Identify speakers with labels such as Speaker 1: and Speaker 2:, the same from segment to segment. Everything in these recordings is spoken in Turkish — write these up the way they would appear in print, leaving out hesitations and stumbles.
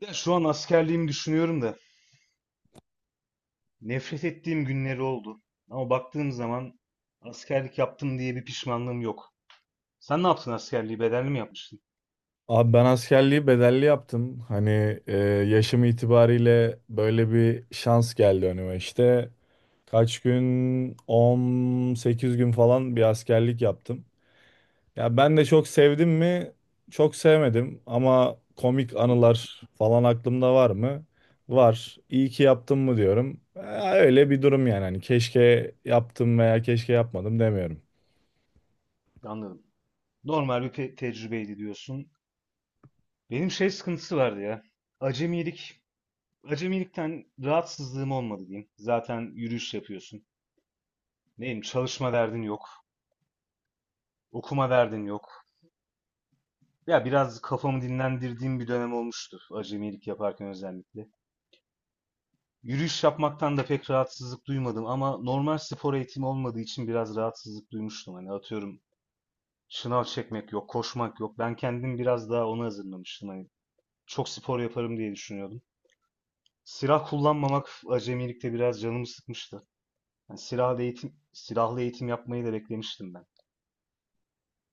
Speaker 1: Ya şu an askerliğimi düşünüyorum da nefret ettiğim günleri oldu. Ama baktığım zaman askerlik yaptım diye bir pişmanlığım yok. Sen ne yaptın askerliği? Bedelli mi yapmıştın?
Speaker 2: Abi ben askerliği bedelli yaptım. Hani yaşım itibariyle böyle bir şans geldi önüme. İşte kaç gün 18 gün falan bir askerlik yaptım. Ya ben de çok sevdim mi? Çok sevmedim ama komik anılar falan aklımda var mı? Var. İyi ki yaptım mı diyorum. Öyle bir durum yani. Hani keşke yaptım veya keşke yapmadım demiyorum.
Speaker 1: Anladım. Normal bir tecrübeydi diyorsun. Benim şey sıkıntısı vardı ya. Acemilik. Acemilikten rahatsızlığım olmadı diyeyim. Zaten yürüyüş yapıyorsun. Neyim çalışma derdin yok. Okuma derdin yok. Ya biraz kafamı dinlendirdiğim bir dönem olmuştu. Acemilik yaparken özellikle. Yürüyüş yapmaktan da pek rahatsızlık duymadım ama normal spor eğitimi olmadığı için biraz rahatsızlık duymuştum. Hani atıyorum şınav çekmek yok, koşmak yok. Ben kendim biraz daha ona hazırlamıştım. Hani çok spor yaparım diye düşünüyordum. Silah kullanmamak acemilikte biraz canımı sıkmıştı. Yani silahlı eğitim, silahlı eğitim yapmayı da beklemiştim ben.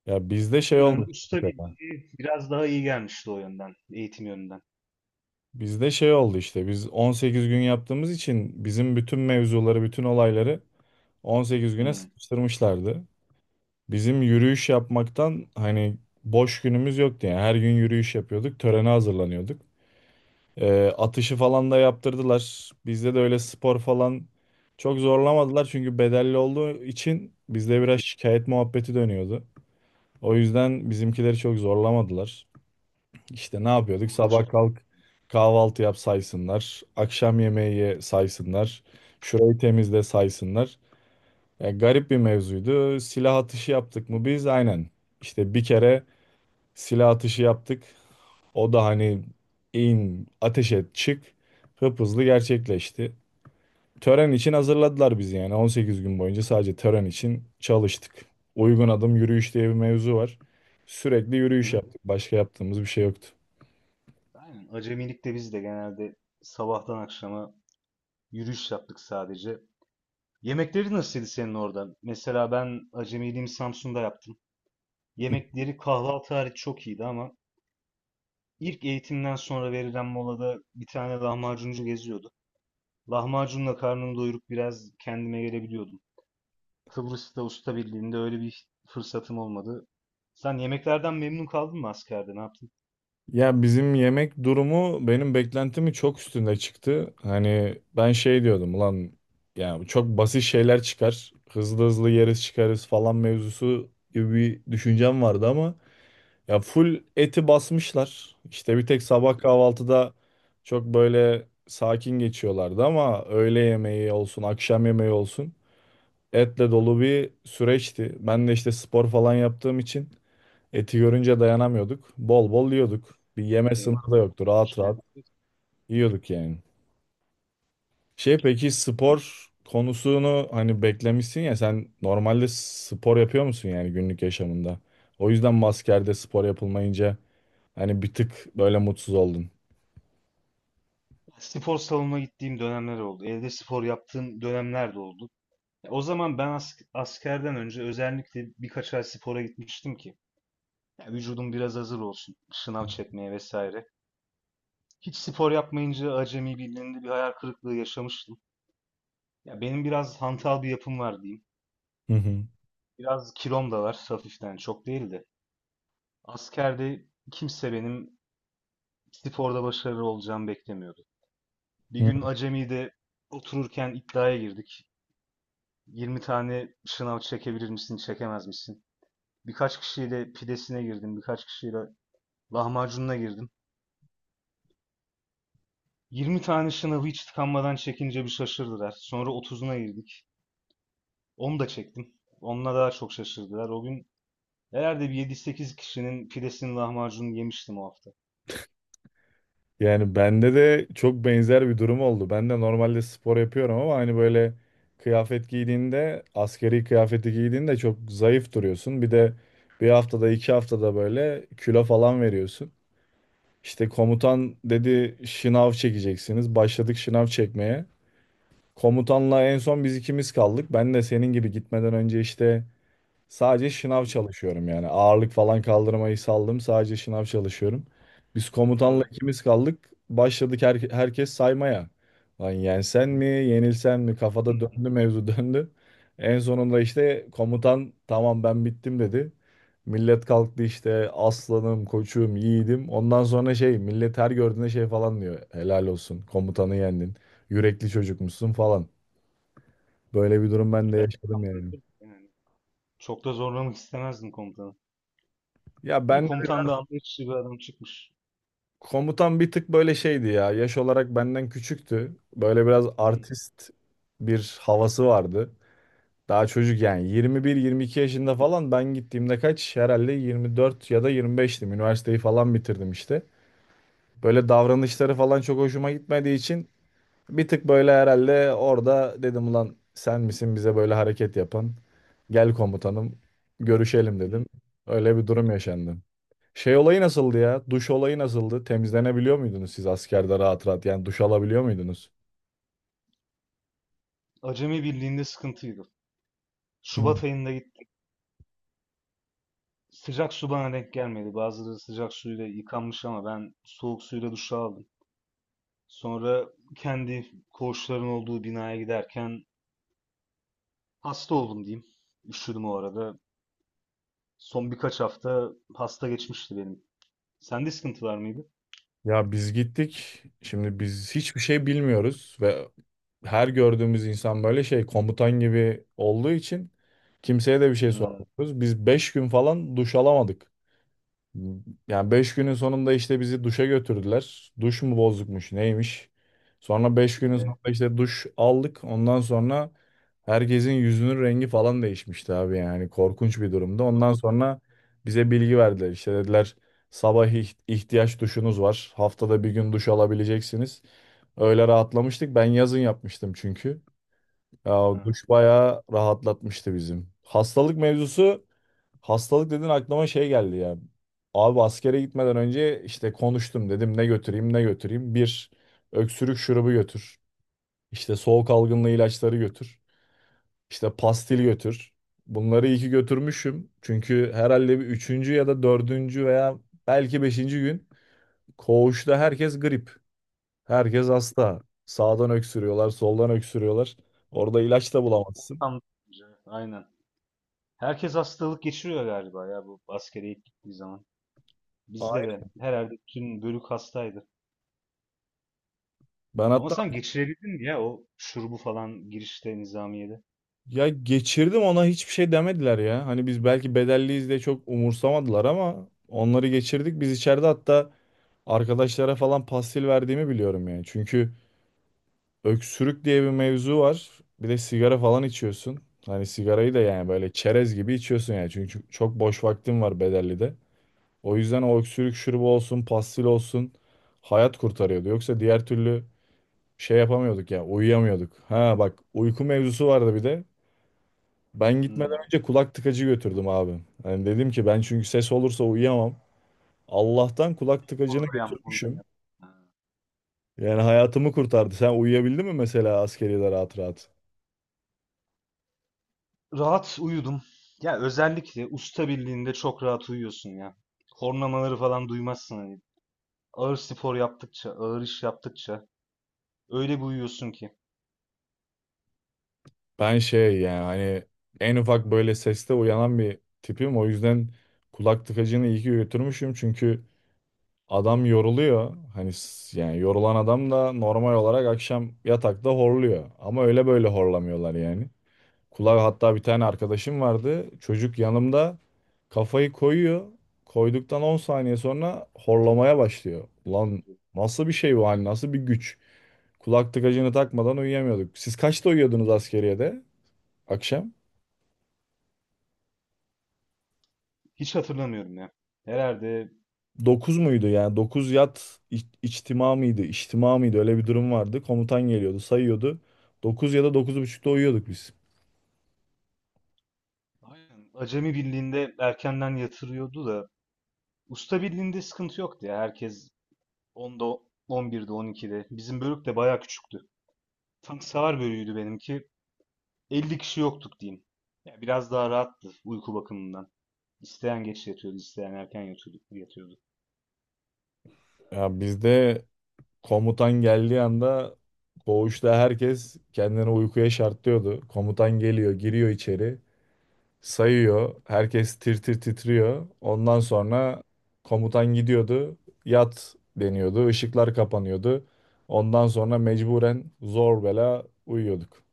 Speaker 2: Ya bizde şey olmuş
Speaker 1: Usta
Speaker 2: mesela.
Speaker 1: bildiği biraz daha iyi gelmişti o yönden, eğitim yönünden.
Speaker 2: Bizde şey oldu işte. Biz 18 gün yaptığımız için bizim bütün mevzuları, bütün olayları 18 güne
Speaker 1: Hmm.
Speaker 2: sıkıştırmışlardı. Bizim yürüyüş yapmaktan hani boş günümüz yoktu yani. Her gün yürüyüş yapıyorduk, törene hazırlanıyorduk. Atışı falan da yaptırdılar. Bizde de öyle spor falan çok zorlamadılar çünkü bedelli olduğu için bizde
Speaker 1: hmm,
Speaker 2: biraz şikayet muhabbeti dönüyordu. O yüzden bizimkileri çok zorlamadılar. İşte ne yapıyorduk? Sabah
Speaker 1: Uğraşmadım.
Speaker 2: kalk, kahvaltı yap saysınlar. Akşam yemeği ye saysınlar. Şurayı temizle saysınlar. Yani garip bir mevzuydu. Silah atışı yaptık mı biz? Aynen. İşte bir kere silah atışı yaptık. O da hani in, ateş et, çık, hıp hızlı gerçekleşti. Tören için hazırladılar bizi yani 18 gün boyunca sadece tören için çalıştık. Uygun adım yürüyüş diye bir mevzu var. Sürekli
Speaker 1: Hı
Speaker 2: yürüyüş
Speaker 1: hı.
Speaker 2: yaptık. Başka yaptığımız bir şey yoktu.
Speaker 1: Aynen. Acemilikte biz de genelde sabahtan akşama yürüyüş yaptık sadece. Yemekleri nasılydı senin orada? Mesela ben acemiliğimi Samsun'da yaptım. Yemekleri kahvaltı hariç çok iyiydi ama ilk eğitimden sonra verilen molada bir tane lahmacuncu geziyordu. Lahmacunla karnımı doyurup biraz kendime gelebiliyordum. Kıbrıs'ta usta birliğinde öyle bir fırsatım olmadı. Sen yemeklerden memnun kaldın mı askerde? Ne yaptın?
Speaker 2: Ya bizim yemek durumu benim beklentimi çok üstünde çıktı. Hani ben şey diyordum, ulan yani çok basit şeyler çıkar. Hızlı hızlı yeriz çıkarız falan mevzusu gibi bir düşüncem vardı ama ya full eti basmışlar. İşte bir tek sabah kahvaltıda çok böyle sakin geçiyorlardı ama öğle yemeği olsun, akşam yemeği olsun etle dolu bir süreçti. Ben de işte spor falan yaptığım için eti görünce dayanamıyorduk. Bol bol yiyorduk. Bir yeme
Speaker 1: Senin
Speaker 2: sınırı da yoktu. Rahat
Speaker 1: işten.
Speaker 2: rahat yiyorduk yani. Şey, peki spor konusunu hani beklemişsin ya, sen normalde spor yapıyor musun yani günlük yaşamında? O yüzden mi askerde spor yapılmayınca hani bir tık böyle mutsuz oldun.
Speaker 1: Spor salonuna gittiğim dönemler oldu. Evde spor yaptığım dönemler de oldu. O zaman ben askerden önce özellikle birkaç ay spora gitmiştim ki ya vücudum biraz hazır olsun, sınav çekmeye vesaire. Hiç spor yapmayınca acemi birliğinde bir hayal kırıklığı yaşamıştım. Ya benim biraz hantal bir yapım var diyeyim.
Speaker 2: Hı hı.
Speaker 1: Biraz kilom da var hafiften, çok değil de. Askerde kimse benim sporda başarılı olacağımı beklemiyordu. Bir
Speaker 2: Hı.
Speaker 1: gün acemide otururken iddiaya girdik. 20 tane sınav çekebilir misin, çekemez misin? Birkaç kişiyle pidesine girdim, birkaç kişiyle lahmacununa girdim. 20 tane şınavı hiç tıkanmadan çekince bir şaşırdılar. Sonra 30'una girdik. Onu da çektim. Onunla daha çok şaşırdılar. O gün herhalde bir yedi sekiz kişinin pidesini lahmacununu yemiştim o hafta.
Speaker 2: Yani bende de çok benzer bir durum oldu. Ben de normalde spor yapıyorum ama hani böyle kıyafet giydiğinde, askeri kıyafeti giydiğinde çok zayıf duruyorsun. Bir de bir haftada, 2 haftada böyle kilo falan veriyorsun. İşte komutan dedi şınav çekeceksiniz. Başladık şınav çekmeye. Komutanla en son biz ikimiz kaldık. Ben de senin gibi gitmeden önce işte sadece şınav
Speaker 1: Hı.
Speaker 2: çalışıyorum yani. Ağırlık falan kaldırmayı saldım. Sadece şınav çalışıyorum. Biz komutanla
Speaker 1: E,
Speaker 2: ikimiz kaldık. Başladık herkes saymaya. Lan yensen mi, yenilsen mi? Kafada
Speaker 1: hı.
Speaker 2: döndü mevzu döndü. En sonunda işte komutan tamam ben bittim dedi. Millet kalktı işte aslanım, koçum, yiğidim. Ondan sonra şey, millet her gördüğünde şey falan diyor. Helal olsun, komutanı yendin. Yürekli çocukmuşsun falan. Böyle bir durum ben de
Speaker 1: Ben
Speaker 2: yaşadım
Speaker 1: tam
Speaker 2: yani.
Speaker 1: bırakırım yani. Çok da zorlamak istemezdim komutanı.
Speaker 2: Ya
Speaker 1: İyi,
Speaker 2: ben
Speaker 1: komutan da anlayışlı bir adam çıkmış.
Speaker 2: Komutan bir tık böyle şeydi ya. Yaş olarak benden küçüktü. Böyle biraz
Speaker 1: Hı,
Speaker 2: artist bir havası vardı. Daha çocuk yani 21-22 yaşında falan ben gittiğimde kaç? Herhalde 24 ya da 25'tim. Üniversiteyi falan bitirdim işte. Böyle davranışları falan çok hoşuma gitmediği için bir tık böyle herhalde orada dedim ulan sen misin bize böyle hareket yapan? Gel komutanım, görüşelim
Speaker 1: hı.
Speaker 2: dedim. Öyle bir durum yaşandı. Şey olayı nasıldı ya? Duş olayı nasıldı? Temizlenebiliyor muydunuz siz askerde rahat rahat? Yani duş alabiliyor muydunuz?
Speaker 1: Acemi birliğinde sıkıntıydı.
Speaker 2: Hı.
Speaker 1: Şubat ayında gittim. Sıcak su bana denk gelmedi. Bazıları sıcak suyla yıkanmış ama ben soğuk suyla duş aldım. Sonra kendi koğuşların olduğu binaya giderken hasta oldum diyeyim. Üşüdüm o arada. Son birkaç hafta hasta geçmişti benim. Sende sıkıntı var mıydı?
Speaker 2: Ya biz gittik. Şimdi biz hiçbir şey bilmiyoruz ve her gördüğümüz insan böyle şey, komutan gibi olduğu için kimseye de bir şey
Speaker 1: Hmm,
Speaker 2: sormuyoruz. Biz 5 gün falan duş alamadık. Yani 5 günün sonunda işte bizi duşa götürdüler. Duş mu bozukmuş, neymiş. Sonra 5 günün
Speaker 1: evet.
Speaker 2: sonunda işte duş aldık. Ondan sonra herkesin yüzünün rengi falan değişmişti abi, yani korkunç bir durumda.
Speaker 1: O da-
Speaker 2: Ondan sonra bize bilgi verdiler. İşte dediler sabah ihtiyaç duşunuz var. Haftada bir gün duş alabileceksiniz. Öyle rahatlamıştık. Ben yazın yapmıştım çünkü. Ya o
Speaker 1: Ha.
Speaker 2: duş bayağı rahatlatmıştı bizim. Hastalık mevzusu, hastalık dedin aklıma şey geldi ya. Abi askere gitmeden önce işte konuştum dedim ne götüreyim, ne götüreyim. Bir öksürük şurubu götür. İşte soğuk algınlığı ilaçları götür. İşte pastil götür. Bunları iyi ki götürmüşüm. Çünkü herhalde bir üçüncü ya da dördüncü veya belki beşinci gün koğuşta herkes grip. Herkes hasta. Sağdan öksürüyorlar, soldan öksürüyorlar. Orada ilaç da
Speaker 1: Ya,
Speaker 2: bulamazsın.
Speaker 1: ortam aynen. Herkes hastalık geçiriyor galiba ya bu askere ilk gittiği zaman. Bizde de herhalde bütün bölük hastaydı.
Speaker 2: Ben
Speaker 1: Ama
Speaker 2: hatta,
Speaker 1: sen geçirebildin mi ya o şurubu falan girişte nizamiyede?
Speaker 2: ya geçirdim ona hiçbir şey demediler ya. Hani biz belki bedelliyiz diye çok umursamadılar ama onları geçirdik. Biz içeride hatta arkadaşlara falan pastil verdiğimi biliyorum yani. Çünkü öksürük diye bir mevzu var. Bir de sigara falan içiyorsun. Hani sigarayı da yani böyle çerez gibi içiyorsun yani. Çünkü çok boş vaktim var bedellide. O yüzden o öksürük şurubu olsun, pastil olsun, hayat kurtarıyordu. Yoksa diğer türlü şey yapamıyorduk ya, uyuyamıyorduk. Ha bak, uyku mevzusu vardı bir de. Ben
Speaker 1: Hmm.
Speaker 2: gitmeden önce kulak tıkacı götürdüm abi. Yani dedim ki ben çünkü ses olursa uyuyamam. Allah'tan kulak
Speaker 1: Onu
Speaker 2: tıkacını
Speaker 1: da yap, onu da
Speaker 2: götürmüşüm.
Speaker 1: yap.
Speaker 2: Yani hayatımı kurtardı. Sen uyuyabildin mi mesela askeriyede rahat rahat?
Speaker 1: Rahat uyudum. Ya özellikle usta birliğinde çok rahat uyuyorsun ya. Horlamaları falan duymazsın hani. Ağır spor yaptıkça, ağır iş yaptıkça öyle bir uyuyorsun ki.
Speaker 2: Ben şey yani hani en ufak böyle seste uyanan bir tipim. O yüzden kulak tıkacını iyi ki götürmüşüm. Çünkü adam yoruluyor. Hani yani yorulan adam da normal olarak akşam yatakta horluyor. Ama öyle böyle horlamıyorlar yani. Kulağı hatta bir tane arkadaşım vardı. Çocuk yanımda kafayı koyuyor. Koyduktan 10 saniye sonra horlamaya başlıyor. Ulan nasıl bir şey bu, hani nasıl bir güç? Kulak tıkacını takmadan uyuyamıyorduk. Siz kaçta uyuyordunuz askeriyede akşam?
Speaker 1: Hiç hatırlamıyorum ya. Herhalde
Speaker 2: 9 muydu yani? 9 yat, içtima mıydı? İçtima mıydı? Öyle bir durum vardı. Komutan geliyordu, sayıyordu. 9 ya da 9 buçukta uyuyorduk biz.
Speaker 1: aynen acemi birliğinde erkenden yatırıyordu da usta birliğinde sıkıntı yoktu ya. Herkes 10'da, 11'de, 12'de. Bizim bölük de bayağı küçüktü. Tank savar bölüğüydü benimki. 50 kişi yoktuk diyeyim. Ya biraz daha rahattı uyku bakımından. İsteyen geç yatıyordu, isteyen erken yatıyordu, yatıyordu.
Speaker 2: Ya bizde komutan geldiği anda koğuşta herkes kendini uykuya şartlıyordu. Komutan geliyor, giriyor içeri, sayıyor. Herkes tir tir titriyor. Ondan sonra komutan gidiyordu, yat deniyordu, ışıklar kapanıyordu. Ondan sonra mecburen zor bela uyuyorduk.